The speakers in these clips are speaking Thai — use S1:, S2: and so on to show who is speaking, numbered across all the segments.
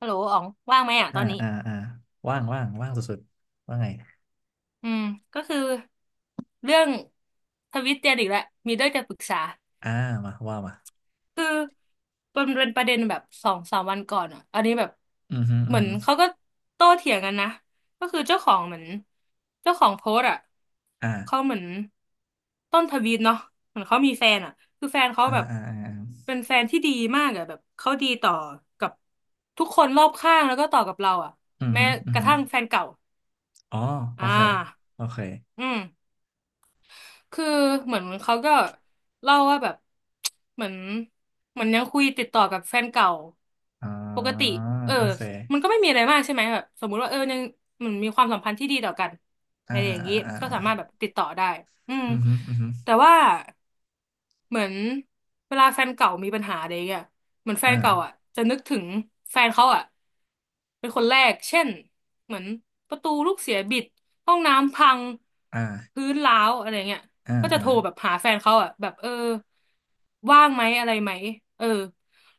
S1: ฮัลโหลอ๋องว่างไหมอ่ะ
S2: อ่า
S1: ตอนนี้
S2: อ่าอ่าว่างว่างว่างสุดๆว่าไง
S1: อืมก็คือ เรื่องทวิตเตียนอีกแล้ว มีเรื่องจะปรึกษา
S2: อ่ามาว่ามา
S1: คือมันเป็นประเด็นแบบสองสามวันก่อนอ่ะอันนี้แบบ
S2: อือฮึอื
S1: เห
S2: อ
S1: มือน
S2: ฮึ
S1: เขาก็โต้เถียงกันนะก็คือเจ้าของเหมือนเจ้าของโพสต์อ่ะ
S2: อ่า
S1: เขาเหมือนต้นทวีตเนาะเหมือนเขามีแฟนอ่ะคือแฟนเขา
S2: อ่า
S1: แบบ
S2: อ่าอ่าอา
S1: เป็นแฟนที่ดีมากอ่ะแบบเขาดีต่อกับทุกคนรอบข้างแล้วก็ต่อกับเราอ่ะ
S2: อือ
S1: แม้
S2: ฮึอื
S1: ก
S2: อ
S1: ระ
S2: ฮึ
S1: ทั่งแฟนเก่า
S2: อ๋อโอ
S1: อ่า
S2: เคโอเค
S1: อืม คือเหมือนเขาก็เล่าว่าแบบ เหมือนยังคุยติดต่อกับแฟนเก่า
S2: อ่
S1: ปก
S2: า
S1: ติเออ
S2: โอเ
S1: มันก็
S2: ค
S1: ไม่มีอะไรมากใช่ไหมแบบสมมุติว่าเออยังเหมือนมีความสัมพันธ์ที่ดีต่อกัน
S2: อ่า
S1: อะไรอย่าง
S2: อ่า
S1: นี้
S2: อ่า
S1: ก็
S2: อ่า
S1: สามารถแบ
S2: อ่า
S1: บติดต่อได้อืม
S2: อือฮึอือฮึ
S1: แต่ว่าเหมือนเวลาแฟนเก่ามีปัญหาอะไรอย่างเงี้ยเหมือนแฟนเก่า
S2: อ่า
S1: อ่ะจะนึกถึงแฟนเขาอ่ะเป็นคนแรกเช่นเหมือนประตูลูกเสียบิดห้องน้ำพัง
S2: อ่า
S1: พื้นร้าวอะไรเงี้ย
S2: อ่า
S1: ก็จะ
S2: อ่า
S1: โทรแบบหาแฟนเขาอ่ะแบบเออว่างไหมอะไรไหมเออ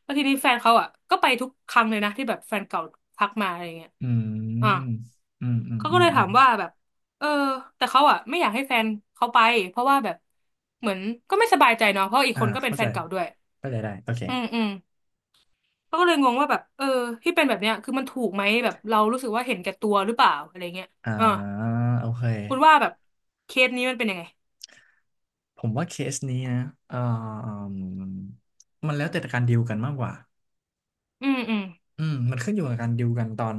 S1: แล้วทีนี้แฟนเขาอ่ะก็ไปทุกครั้งเลยนะที่แบบแฟนเก่าทักมาอะไรเงี้ย
S2: อื
S1: อ่ะ
S2: มอืมอืม
S1: เขา
S2: อื
S1: ก็
S2: ม
S1: เลย
S2: อื
S1: ถา
S2: ม
S1: มว่าแบบเออแต่เขาอ่ะไม่อยากให้แฟนเขาไปเพราะว่าแบบเหมือนก็ไม่สบายใจเนาะเพราะอีก
S2: อ่า
S1: คนก็เป็น
S2: เข้า
S1: แฟ
S2: ใจ
S1: นเก่าด้วย
S2: เข้าใจได้โอเค
S1: อืมอืมเขาก็เลยงงว่าแบบเออที่เป็นแบบเนี้ยคือมันถูกไหมแบบเรารู้สึกว่าเห็นแก่ตัวหรือเปล่าอะไรเงี้ย
S2: อ่า
S1: อ่า
S2: โอเค
S1: คุณว่าแบบเคสนี้มันเป็นยังไง
S2: ผมว่าเคสนี้นะเอ่อมันแล้วแต่การดีลกันมากกว่า
S1: อืมอืม
S2: อืมมันขึ้นอยู่กับการดิวกันตอน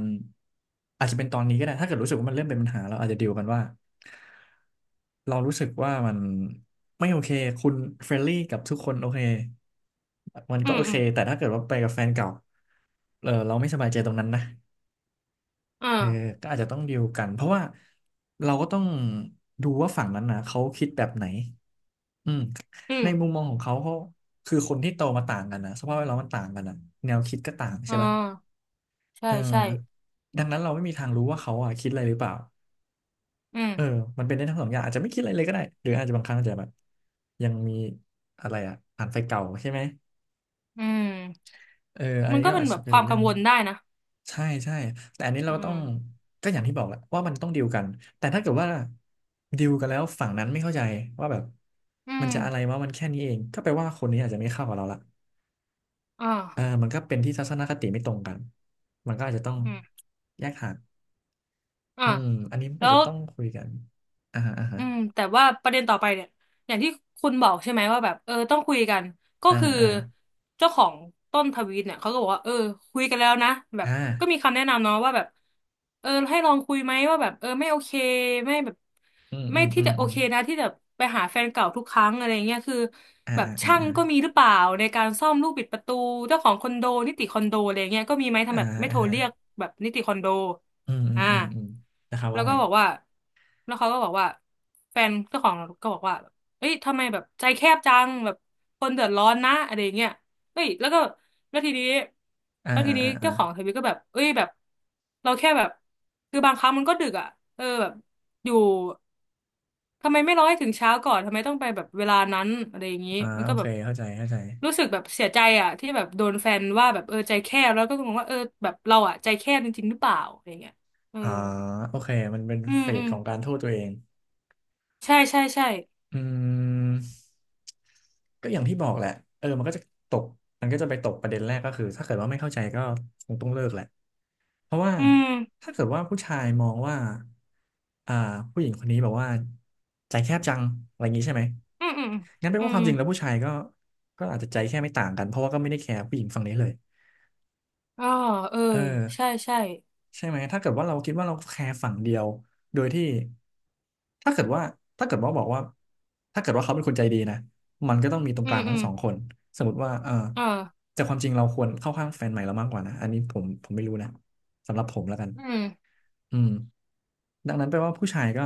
S2: อาจจะเป็นตอนนี้ก็ได้ถ้าเกิดรู้สึกว่ามันเริ่มเป็นปัญหาเราอาจจะดิวกันว่าเรารู้สึกว่ามันไม่โอเคคุณเฟรนลี่กับทุกคนโอเคมัน
S1: อื
S2: ก็
S1: ม
S2: โอเค
S1: อืม
S2: แต่ถ้าเกิดว่าไปกับแฟนเก่าเออเราไม่สบายใจตรงนั้นนะ
S1: อ่า
S2: เออก็อาจจะต้องดิวกันเพราะว่าเราก็ต้องดูว่าฝั่งนั้นนะเขาคิดแบบไหนอืม
S1: อื
S2: ใน
S1: ม
S2: มุมมองของเขาเขาคือคนที่โตมาต่างกันนะสภาพแวดล้อมมันต่างกันนะแนวคิดก็ต่าง
S1: อ่
S2: ใช่ปะ
S1: าใช่
S2: เออ
S1: ใช่
S2: ดังนั้นเราไม่มีทางรู้ว่าเขาอ่ะคิดอะไรหรือเปล่า
S1: อืม
S2: เออมันเป็นได้ทั้งสองอย่างอาจจะไม่คิดอะไรเลยก็ได้หรืออาจจะบางครั้งอาจจะแบบยังมีอะไรอ่ะอ่านไฟเก่าใช่ไหม
S1: อืม
S2: เอออัน
S1: มัน
S2: นี้
S1: ก็
S2: ก็
S1: เป็น
S2: อาจ
S1: แบ
S2: จะ
S1: บ
S2: เป็
S1: ค
S2: น
S1: วาม
S2: เรื่
S1: กั
S2: อ
S1: ง
S2: ง
S1: วลได้นะ
S2: ใช่ใช่แต่อันนี้เรา
S1: อื
S2: ต้อ
S1: ม
S2: งก็อย่างที่บอกแหละว่ามันต้องดีลกันแต่ถ้าเกิดว่าดีลกันแล้วฝั่งนั้นไม่เข้าใจว่าแบบ
S1: อื
S2: มัน
S1: ม
S2: จะอะไรวะมันแค่นี้เองก็แปลว่าคนนี้อาจจะไม่เข้ากับเราละ
S1: อ
S2: เออ
S1: ่า
S2: มันก็เป็นที่ทัศนคติไม่ตรงกันมันก็อาจจะต้อง
S1: อืม
S2: แยกห่าง
S1: อ่า
S2: อืมอันนี้มัน
S1: แล้
S2: อาจ
S1: ว
S2: จะต้องคุยกันอ่าอ่าฮะ
S1: อืมแต่ว่าประเด็นต่อไปเนี่ยอย่างที่คุณบอกใช่ไหมว่าแบบเออต้องคุยกัน ก็
S2: อ่า
S1: คือ
S2: อ่า
S1: เจ้าของต้นทวีตเนี่ยเขาก็บอกว่าเออคุยกันแล้วนะแบบ
S2: อ่า
S1: ก็มีคำแนะนำเนาะว่าแบบเออให้ลองคุยไหมว่าแบบเออไม่โอเคไม่แบบ
S2: อืมอื
S1: ไม่
S2: ม
S1: ที่
S2: อืม
S1: จะโอ
S2: อืม
S1: เคนะที่จะไปหาแฟนเก่าทุกครั้งอะไรเงี้ยคือ
S2: อ่า
S1: แบบ
S2: อ่า
S1: ช่าง
S2: อ่า
S1: ก็มีหรือเปล่าในการซ่อมลูกบิดประตูเจ้าของคอนโดนิติคอนโดอะไรเงี้ยก็มีไหม
S2: อ่า
S1: ทำแบบไม่
S2: อ่าอ่า
S1: โทร
S2: ฮะ
S1: เรียกแบบนิติคอนโด
S2: อืมอืม
S1: อ่า
S2: อืมอืมนะครับ
S1: แล้
S2: ว่า
S1: วก็
S2: ไง
S1: บอกว่าแล้วเขาก็บอกว่าแฟนเจ้าของก็บอกว่า เอ้ยทำไมแบบใจแคบจังแบบคนเดือดร้อนนะอะไรอย่างเงี้ยเอ้ยแล้วก็แล้วทีนี้
S2: อ่าอ่าอ่าอ่า
S1: เจ้าของทวิตก็แบบเอ้ยแบบเราแค่แบบคือบางครั้งมันก็ดึกอ่ะเออแบบอยู่ทำไมไม่รอให้ถึงเช้าก่อนทำไมต้องไปแบบเวลานั้นอะไรอย่างงี้
S2: อ่า
S1: มัน
S2: โอ
S1: ก็แบ
S2: เค
S1: บ
S2: เข้าใจเข้าใจ
S1: รู้สึกแบบเสียใจอ่ะที่แบบโดนแฟนว่าแบบเออใจแคบแล้วก็งงว่าเออแบบเราอ่ะใจแคบจริงๆหรือเปล่าอะไรอย่างเงี้ยเออ
S2: อ่าโอเคมันเป็น
S1: อืม
S2: เฟ
S1: อื
S2: ส
S1: ม
S2: ของการโทษตัวเอง
S1: ใช่ใช่ใช่
S2: อืมก็อย่างที่บอกแหละเออมันก็จะตกมันก็จะไปตกประเด็นแรกก็คือถ้าเกิดว่าไม่เข้าใจก็คงต้องเลิกแหละ เพราะว่า
S1: อืม
S2: ถ้าเกิดว่าผู้ชายมองว่าอ่าผู้หญิงคนนี้แบบว่าใจแคบจังอะไรอย่างนี้ใช่ไหม
S1: อืมอืม
S2: งั้นแปล
S1: อื
S2: ว่าค
S1: ม
S2: วามจริงแล้วผู้ชายก็ก็อาจจะใจแค่ไม่ต่างกันเพราะว่าก็ไม่ได้แคร์ผู้หญิงฝั่งนี้เลย
S1: อ่าเออ
S2: เออ
S1: ใช่ใช่
S2: ใช่ไหมถ้าเกิดว่าเราคิดว่าเราแคร์ฝั่งเดียวโดยที่ถ้าเกิดว่าถ้าเกิดว่าบอกว่าถ้าเกิดว่าเขาเป็นคนใจดีนะมันก็ต้องมีตรง
S1: อื
S2: กลา
S1: ม
S2: ง
S1: อื
S2: ทั้ง
S1: ม
S2: สองคนสมมติว่าเออ
S1: อ่า
S2: แต่ความจริงเราควรเข้าข้างแฟนใหม่เรามากกว่านะอันนี้ผมไม่รู้นะสำหรับผมแล้วกัน
S1: อืม
S2: อืมดังนั้นแปลว่าผู้ชายก็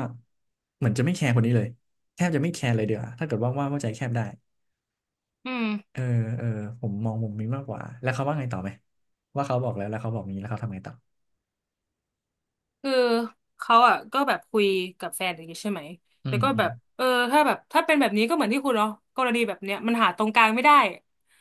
S2: เหมือนจะไม่แคร์คนนี้เลยแทบจะไม่แคร์เลยเดียวาถ้าเกิดว่าใจแคบได้
S1: อืม
S2: เออเออผมมองมุมนี้มากกว่าแล้วเขาว่าไงต่อไหมว่าเขาบอกแล้วแล้วเขาบอกนี้แล้วเขาทำไงต่อ
S1: คือเขาอ่ะก็แบบคุยกับแฟนอย่างงี้ใช่ไหม
S2: อื
S1: แต่
S2: ม
S1: ก็
S2: อื
S1: แบ
S2: ม
S1: บเออถ้าแบบถ้าเป็นแบบนี้ก็เหมือนที่คุณเนาะกรณีแบบเนี้ยมันหาตรงกลางไม่ได้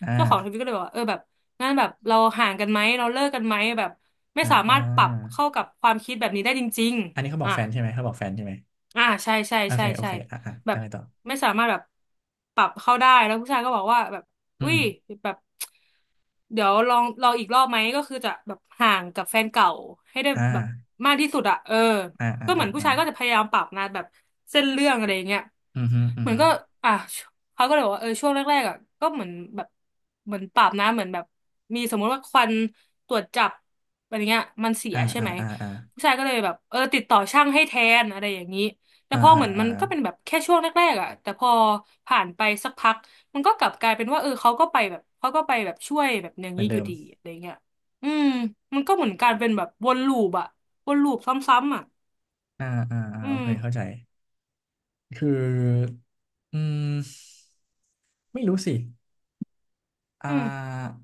S2: อ่า
S1: เจ้าของทวิตก็เลยบอกว่าเออแบบงั้นแบบเราห่างกันไหมเราเลิกกันไหมแบบไม่
S2: อ่า
S1: สา
S2: อ่า
S1: มารถปรับเข้ากับความคิดแบบนี้ได้จริง
S2: อันนี้เขา
S1: ๆ
S2: บอก
S1: อ่ะ
S2: แฟนใช่ไหมเขาบอกแฟนใช่ไหม
S1: อ่าใช่ใช่
S2: โอเค
S1: ใช่
S2: โอ
S1: ใช่
S2: เคอ่าอ่า
S1: แบ
S2: แล้
S1: บ
S2: วไงต่อ
S1: ไม่สามารถแบบปรับเข้าได้แล้วผู้ชายก็บอกว่าแบบ
S2: อื
S1: อุ้
S2: ม
S1: ยแบบ เดี๋ยวลองอีกรอบไหมก็คือจะแบบห่างกับแฟนเก่าให้ได้
S2: อ่า
S1: แบบมากที่สุดอะเออ
S2: อ่าอ่า
S1: ก็เหมื
S2: อ่า
S1: อนผู้
S2: อ่า
S1: ชายก็จะพยายามปรับนะแบบเส้นเรื่องอะไรอย่างเงี้ย
S2: อืมฮึอื
S1: เห
S2: ม
S1: มือน
S2: ฮึ
S1: ก็อ่ะเขาก็เลยบอกว่าเออช่วงแรกๆอะก็เหมือนแบบเหมือนปรับนะเหมือนแบบมีสมมุติว่าควันตรวจจับอะไรเงี้ยมันเสีย
S2: อ่า
S1: ใช่
S2: อ่า
S1: ไหม
S2: อ่าอ่า
S1: ผู้ชายก็เลยแบบเออติดต่อช่างให้แทนอะไรอย่างนี้แต่
S2: อ่า
S1: พอเห
S2: อ่า
S1: มือนมั
S2: อ่า
S1: นก็เป็นแบบแค่ช่วงแรกๆอะแต่พอผ่านไปสักพัก มันก็กลับกลายเป็นว่าเออเขาก็ไปแบบเขาก็ไปแบบช่วยแบบอย่าง
S2: เหมือ
S1: นี้
S2: น
S1: อ
S2: เดิ
S1: ยู่
S2: ม
S1: ดีอะไรเงี้ยอืมมันก็เหมือนการเป็นแบบวนลูปอะวนลูปซ้ำๆอะ
S2: อ่าอ่าอ่า
S1: อื
S2: โอ
S1: ม
S2: เคเข้าใจ คืออืมไม่รู้สิอ่
S1: อืม
S2: า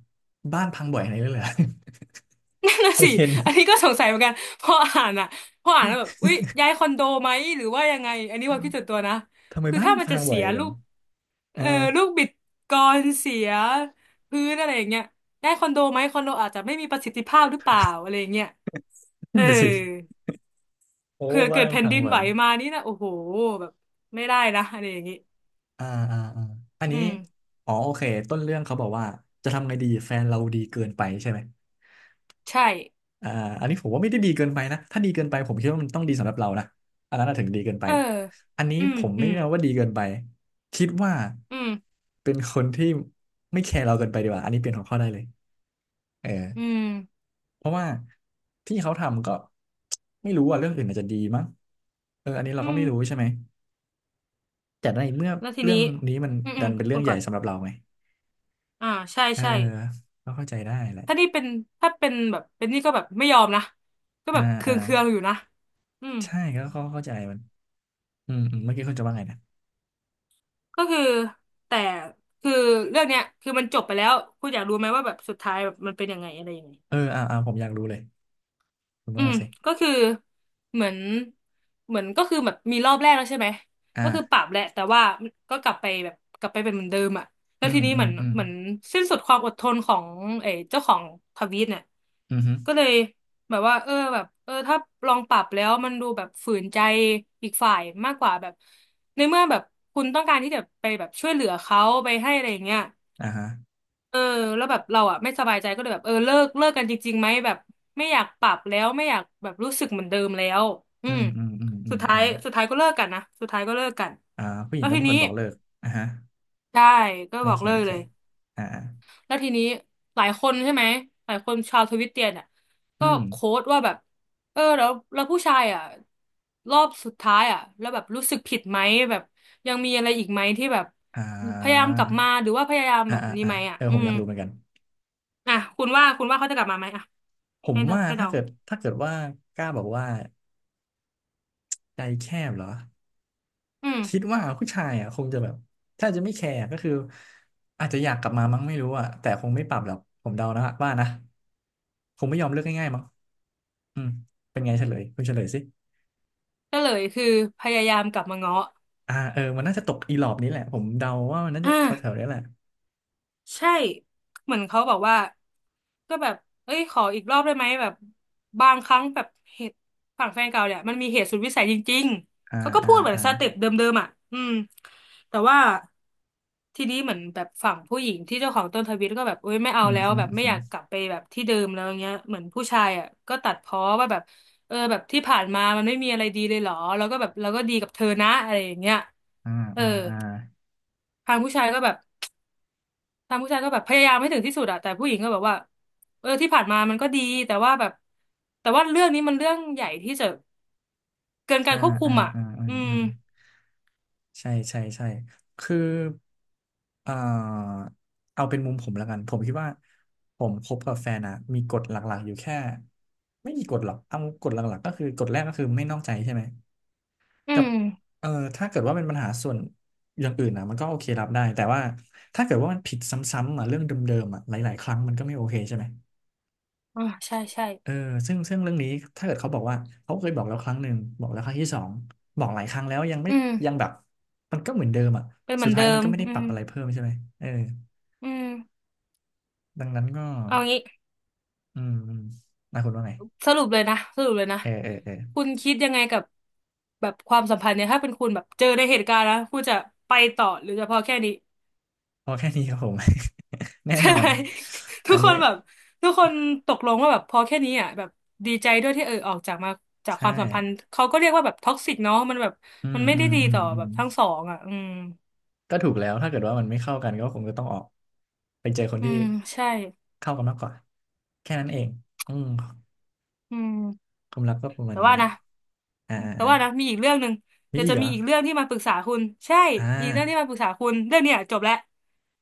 S2: บ้านพังบ่อยอะไรด้วยเหรอ
S1: นั่น น่ะ
S2: เปอ
S1: สิ
S2: ระเทนต์
S1: อันนี้ก็สงสัยเหมือนกันพออ่านอะพออ่านแล้วแบบอุ๊ยย้ายคอนโดไหมหรือว่ายังไงอันนี้ความคิดส่วนตัวนะ
S2: ทำไม
S1: คือ
S2: บ้าน
S1: ถ้ามัน
S2: พั
S1: จะ
S2: งบ่
S1: เสี
S2: อย
S1: ย
S2: จั
S1: ลู
S2: ง
S1: ก
S2: เอ
S1: เอ
S2: อ
S1: อลูกบิดกรเสียพื้นอะไรอย่างเงี้ยย้ายคอนโดไหมคอนโดอาจจะไม่มีประสิทธิภาพหรือเปล่าอะไรอย่างเงี้ยเอ
S2: นั่
S1: อ
S2: นน่ะสิ โอ้
S1: เผื่อเกิ
S2: บ้า
S1: ด
S2: น
S1: แผ่น
S2: พัง
S1: ดิน
S2: บ่อ
S1: ไห
S2: ย
S1: วมานี่นะโอ้โหแบบไม่ได้นะอะไรอย่างงี้
S2: อ่าอ่าอ่าอัน
S1: อื
S2: นี้
S1: ม
S2: อ๋อโอเคต้นเรื่องเขาบอกว่าจะทำไงดีแฟนเราดีเกินไปใช่ไหม
S1: ใช่
S2: อ่าอันนี้ผมว่าไม่ได้ดีเกินไปนะถ้าดีเกินไปผมคิดว่ามันต้องดีสำหรับเรานะอันนั้นน่ะถึงดีเกินไป
S1: เออ
S2: อันนี้
S1: อืม
S2: ผมไม่
S1: อื
S2: ได้
S1: ม
S2: นัว่าดีเกินไปคิดว่า
S1: อืม
S2: เป็นคนที่ไม่แคร์เราเกินไปดีกว่าอันนี้เปลี่ยนหัวข้อได้เลยเออ
S1: อืม
S2: เพราะว่าที่เขาทำก็ไม่รู้อ่ะเรื่องอื่นอาจจะดีมั้งเอออันนี้เรา
S1: อื
S2: ก็
S1: ม
S2: ไม่รู้ใช่ไหมแต่ในเมื่อ
S1: แล้วที
S2: เรื่อ
S1: นี้
S2: งนี้มัน
S1: อืมอื
S2: ดั
S1: ม
S2: นเป็นเรื่
S1: คุ
S2: อง
S1: ณ
S2: ให
S1: ก่
S2: ญ่
S1: อน
S2: สำหรับเราไง
S1: อ่าใช่
S2: เออ
S1: ใช่
S2: ก็เข้าใจได้แหละ
S1: ถ้านี่เป็นถ้าเป็นแบบเป็นนี่ก็แบบไม่ยอมนะก็
S2: อ่า
S1: แบบเคื
S2: อ่า
S1: องเคืองอยู่นะอืม
S2: ใช่ก็เข้าใจมันอืมอืมเมื่อกี้คุณจะว่าไงนะ
S1: ก็คือแต่คือเรื่องเนี้ยคือมันจบไปแล้วคุณอยากรู้ไหมว่าแบบสุดท้ายแบบมันเป็นยังไงอะไรยังไง
S2: เอออ่าอ่าผมอยากรู้เลยคุณ
S1: อื
S2: ว่า
S1: ม
S2: มาสิ
S1: ก็คือเหมือนก็คือแบบมีรอบแรกแล้วใช่ไหมก็คือปรั
S2: อ่า
S1: บแหละแต่ว่าก็กลับไปแบบกลับไปเป็นเหมือนเดิมอ่ะแล้
S2: อื
S1: ว
S2: ม
S1: ทีนี้
S2: อื
S1: เห
S2: ม
S1: มือน
S2: อืม
S1: สิ้นสุดความอดทนของเออเจ้าของทวีตเนี่ย
S2: อืมฮึ
S1: ก็เลยแบบว่าเออแบบเออถ้าลองปรับแล้วมันดูแบบฝืนใจอีกฝ่ายมากกว่าแบบในเมื่อแบบคุณต้องการที่จะไปแบบช่วยเหลือเขาไปให้อะไรอย่างเงี้ย
S2: อ่าฮะ
S1: เออแล้วแบบเราอ่ะไม่สบายใจก็เลยแบบเออเลิกกันจริงๆไหมแบบไม่อยากปรับแล้วไม่อยากแบบรู้สึกเหมือนเดิมแล้วอื
S2: อื
S1: ม
S2: มอืมอืมอื
S1: สุ
S2: ม
S1: ดท้า
S2: อื
S1: ย
S2: ม
S1: ก็เลิกกันนะสุดท้ายก็เลิกกัน
S2: อ่าผู้หญิ
S1: แล้
S2: ง
S1: ว
S2: ก็
S1: ที
S2: เป็นค
S1: นี้
S2: นบอกเลิกอ่าฮะ
S1: ใช่ก็
S2: โอ
S1: บอ
S2: เค
S1: กเลิ
S2: โอ
S1: ก
S2: เค
S1: เลย
S2: อ่าอ่า
S1: แล้วทีนี้หลายคนใช่ไหมหลายคนชาวทวิตเตียนอ่ะก็
S2: อืม
S1: โค้ดว่าแบบเออแล้วผู้ชายอ่ะรอบสุดท้ายอ่ะแล้วแบบรู้สึกผิดไหมแบบยังมีอะไรอีกไหมที่แบบ
S2: อ่
S1: พยายาม
S2: า
S1: กลับมาหรือว่าพยายาม
S2: อ่า
S1: แบบ
S2: อ่า
S1: นี้
S2: อ่า
S1: ไหมอ่ะ
S2: เออ
S1: อื
S2: ผมอ
S1: ม
S2: ยากรู้เหมือนกัน
S1: อ่ะคุณว่าเขาจะกลับมาไหมอ่ะ
S2: ผ
S1: ให้
S2: มว่า
S1: เดา
S2: ถ้าเกิดว่ากล้าบอกว่าใจแคบเหรอ
S1: อืม
S2: คิดว่าผู้ชายอ่ะคงจะแบบถ้าจะไม่แคร์ก็คืออาจจะอยากกลับมามั้งไม่รู้อ่ะแต่คงไม่ปรับหรอกผมเดานะว่านะคงไม่ยอมเลิกง่ายๆมั้งอืมเป็นไงเฉลยคุณเฉลยสิ
S1: ก็เลยคือพยายามกลับมาง้อ
S2: เออมันน่าจะตกอีหลอบนี้แหละผมเดาว่ามันน่าจะ
S1: อ่า
S2: แถวแถวนี้แหละ
S1: ใช่เหมือนเขาบอกว่าก็แบบเอ้ยขออีกรอบได้ไหมแบบบางครั้งแบบเหตุฝั่งแฟนเก่าเนี่ยมันมีเหตุสุดวิสัยจริง
S2: อ่า
S1: ๆเขาก็
S2: อ่า
S1: พูดเหมือน
S2: อ่า
S1: สเต็ปเดิมๆอ่ะอืมแต่ว่าทีนี้เหมือนแบบฝั่งผู้หญิงที่เจ้าของต้นทวิตก็แบบเอ้ยไม่เอา
S2: อืม
S1: แล้ว
S2: ฮึ
S1: แบบ
S2: อืม
S1: ไม่
S2: ฮึ
S1: อยากกลับไปแบบที่เดิมแล้วเงี้ยเหมือนผู้ชายอ่ะก็ตัดพ้อว่าแบบเออแบบที่ผ่านมามันไม่มีอะไรดีเลยเหรอแล้วก็แบบเราก็ดีกับเธอนะอะไรอย่างเงี้ย
S2: อ่า
S1: เออ
S2: อ่าอ่า
S1: ทางผู้ชายก็แบบ ทางผู้ชายก็แบบพยายามให้ถึงที่สุดอะแต่ผู้หญิงก็แบบว่าเออที่ผ่านมามันก็ดีแต่ว่าแบบแต่ว่าเรื่องนี้มันเรื่องใหญ่ที่จะเกินการ
S2: อ่า
S1: ควบคุ
S2: อ่า
S1: มอะ
S2: อ่าอ่า
S1: อืม
S2: อ่าใช่ใช่ใช่คืออ่าเอาเป็นมุมผมแล้วกันผมคิดว่าผมคบกับแฟนอะมีกฎหลักๆอยู่แค่ไม่มีกฎหรอกเอากฎหลักๆก็คือกฎแรกก็คือไม่นอกใจใช่ไหม
S1: อื
S2: กับ
S1: ม
S2: เออถ้าเกิดว่าเป็นปัญหาส่วนอย่างอื่นนะมันก็โอเครับได้แต่ว่าถ้าเกิดว่ามันผิดซ้ำๆอ่ะเรื่องเดิมๆอ่ะหลายๆครั้งมันก็ไม่โอเคใช่ไหม
S1: อ่าใช่ใช่
S2: เออซึ่งเรื่องนี้ถ้าเกิดเขาบอกว่าเขาเคยบอกแล้วครั้งหนึ่งบอกแล้วครั้งที่สองบอกหลายครั้งแล้วยังไม่
S1: อืม
S2: ยังแบบมันก็เหมือนเดิมอ่ะ
S1: เป็นเห
S2: สุ
S1: มือ
S2: ด
S1: น
S2: ท้า
S1: เดิ
S2: ยมัน
S1: ม
S2: ก็ไม่ได้
S1: อื
S2: ปรับ
S1: ม
S2: อะไรเพิ่มใช่ไหมเออ
S1: อืม
S2: ดังนั้นก็
S1: เอางี้
S2: อืมอืมนะคุณว่าไง
S1: สรุปเลยนะ
S2: เออเออเออ
S1: คุณคิดยังไงกับแบบความสัมพันธ์เนี่ยถ้าเป็นคุณแบบเจอในเหตุการณ์นะคุณจะไปต่อหรือจะพอแค่นี้
S2: พอแค่นี้ครับผม แน่
S1: ใช่
S2: นอน อั
S1: ทุ
S2: น
S1: กค
S2: นี้
S1: นแบบทุกคนตกลงว่าแบบพอแค่นี้อ่ะแบบดีใจด้วยที่เออออกจากมาจากค
S2: ใช่
S1: วามสัมพันธ์เขาก็เรียกว่าแบบท็อกซิกเนาะมันแบบ
S2: อื
S1: มั
S2: ม
S1: นไม่
S2: อื
S1: ได้
S2: ม
S1: ดี
S2: อืม
S1: ต่อ
S2: อื
S1: แบ
S2: ม
S1: บทั้งสองอ่ะอืม
S2: ก็ถูกแล้วถ้าเกิดว่ามันไม่เข้ากันก็คงจะต้องออกไปเจอคน
S1: อื
S2: ที่
S1: มใช่
S2: เข้ากันมากกว่าแค่นั้นเองอืม
S1: อืม
S2: ความรักก็ประมาณ
S1: แต่
S2: นี้
S1: ว่า
S2: แหละ
S1: นะ
S2: อ่าอ่า
S1: มีอีกเรื่องหนึ่ง
S2: มี
S1: เดี๋ยว
S2: อีก
S1: จะ
S2: เหร
S1: มี
S2: อ
S1: อีกเรื่องที่มาปรึกษาคุณใช่
S2: อ่า
S1: อีกเรื่องที่มาปรึกษาคุณเรื่องเนี้ยจบแล้ว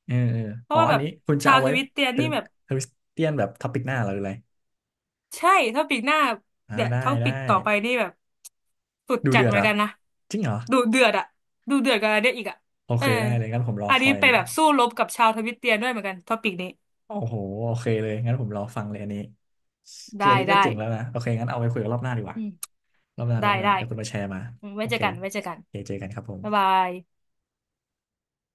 S2: เออเออ
S1: เพ
S2: อ๋
S1: ราะ
S2: อ
S1: ว่า
S2: อั
S1: แบ
S2: น
S1: บ
S2: นี้คุณจะ
S1: ชาว
S2: เอา
S1: ท
S2: ไว้
S1: วิตเตียน
S2: เป็น
S1: นี่แบบ
S2: คริสเตียนแบบท็อปิกหน้าเหรอหรืออะไร
S1: ใช่ท็อปิกหน้า
S2: อ่า
S1: เดี๋ยว
S2: ได้
S1: ท็อ
S2: ได้
S1: ปิกต่อไปนี่แบบสุด
S2: ดู
S1: จัด
S2: เดือด
S1: เหมื
S2: เห
S1: อ
S2: ร
S1: น
S2: อ
S1: กันนะ
S2: จริงเหรอ
S1: ดูเดือดอะดูเดือดกันอะไรเนี่ยอีกอะ
S2: โอ
S1: เอ
S2: เค
S1: อ
S2: ได้เลยงั้นผมรอ
S1: อัน
S2: ค
S1: นี้
S2: อย
S1: ไปแบบสู้รบกับชาวทวิตเตียนด้วยเหมือนกันท็อปิกนี้
S2: โอ้โหโอเคเลยงั้นผมรอฟังเลยอันนี้คื
S1: ได้
S2: ออันนี้ก็เจ๋งแล้วนะโอเคงั้นเอาไปคุยกันรอบหน้าดีกว่า
S1: อืม
S2: รอบหน้าร
S1: ได้
S2: อบหน้าเดี๋ยวคุณมาแชร์มา
S1: อืมไว้
S2: โอ
S1: เจอ
S2: เค
S1: กัน
S2: โอเคเจอกันครับผม
S1: บ๊ายบาย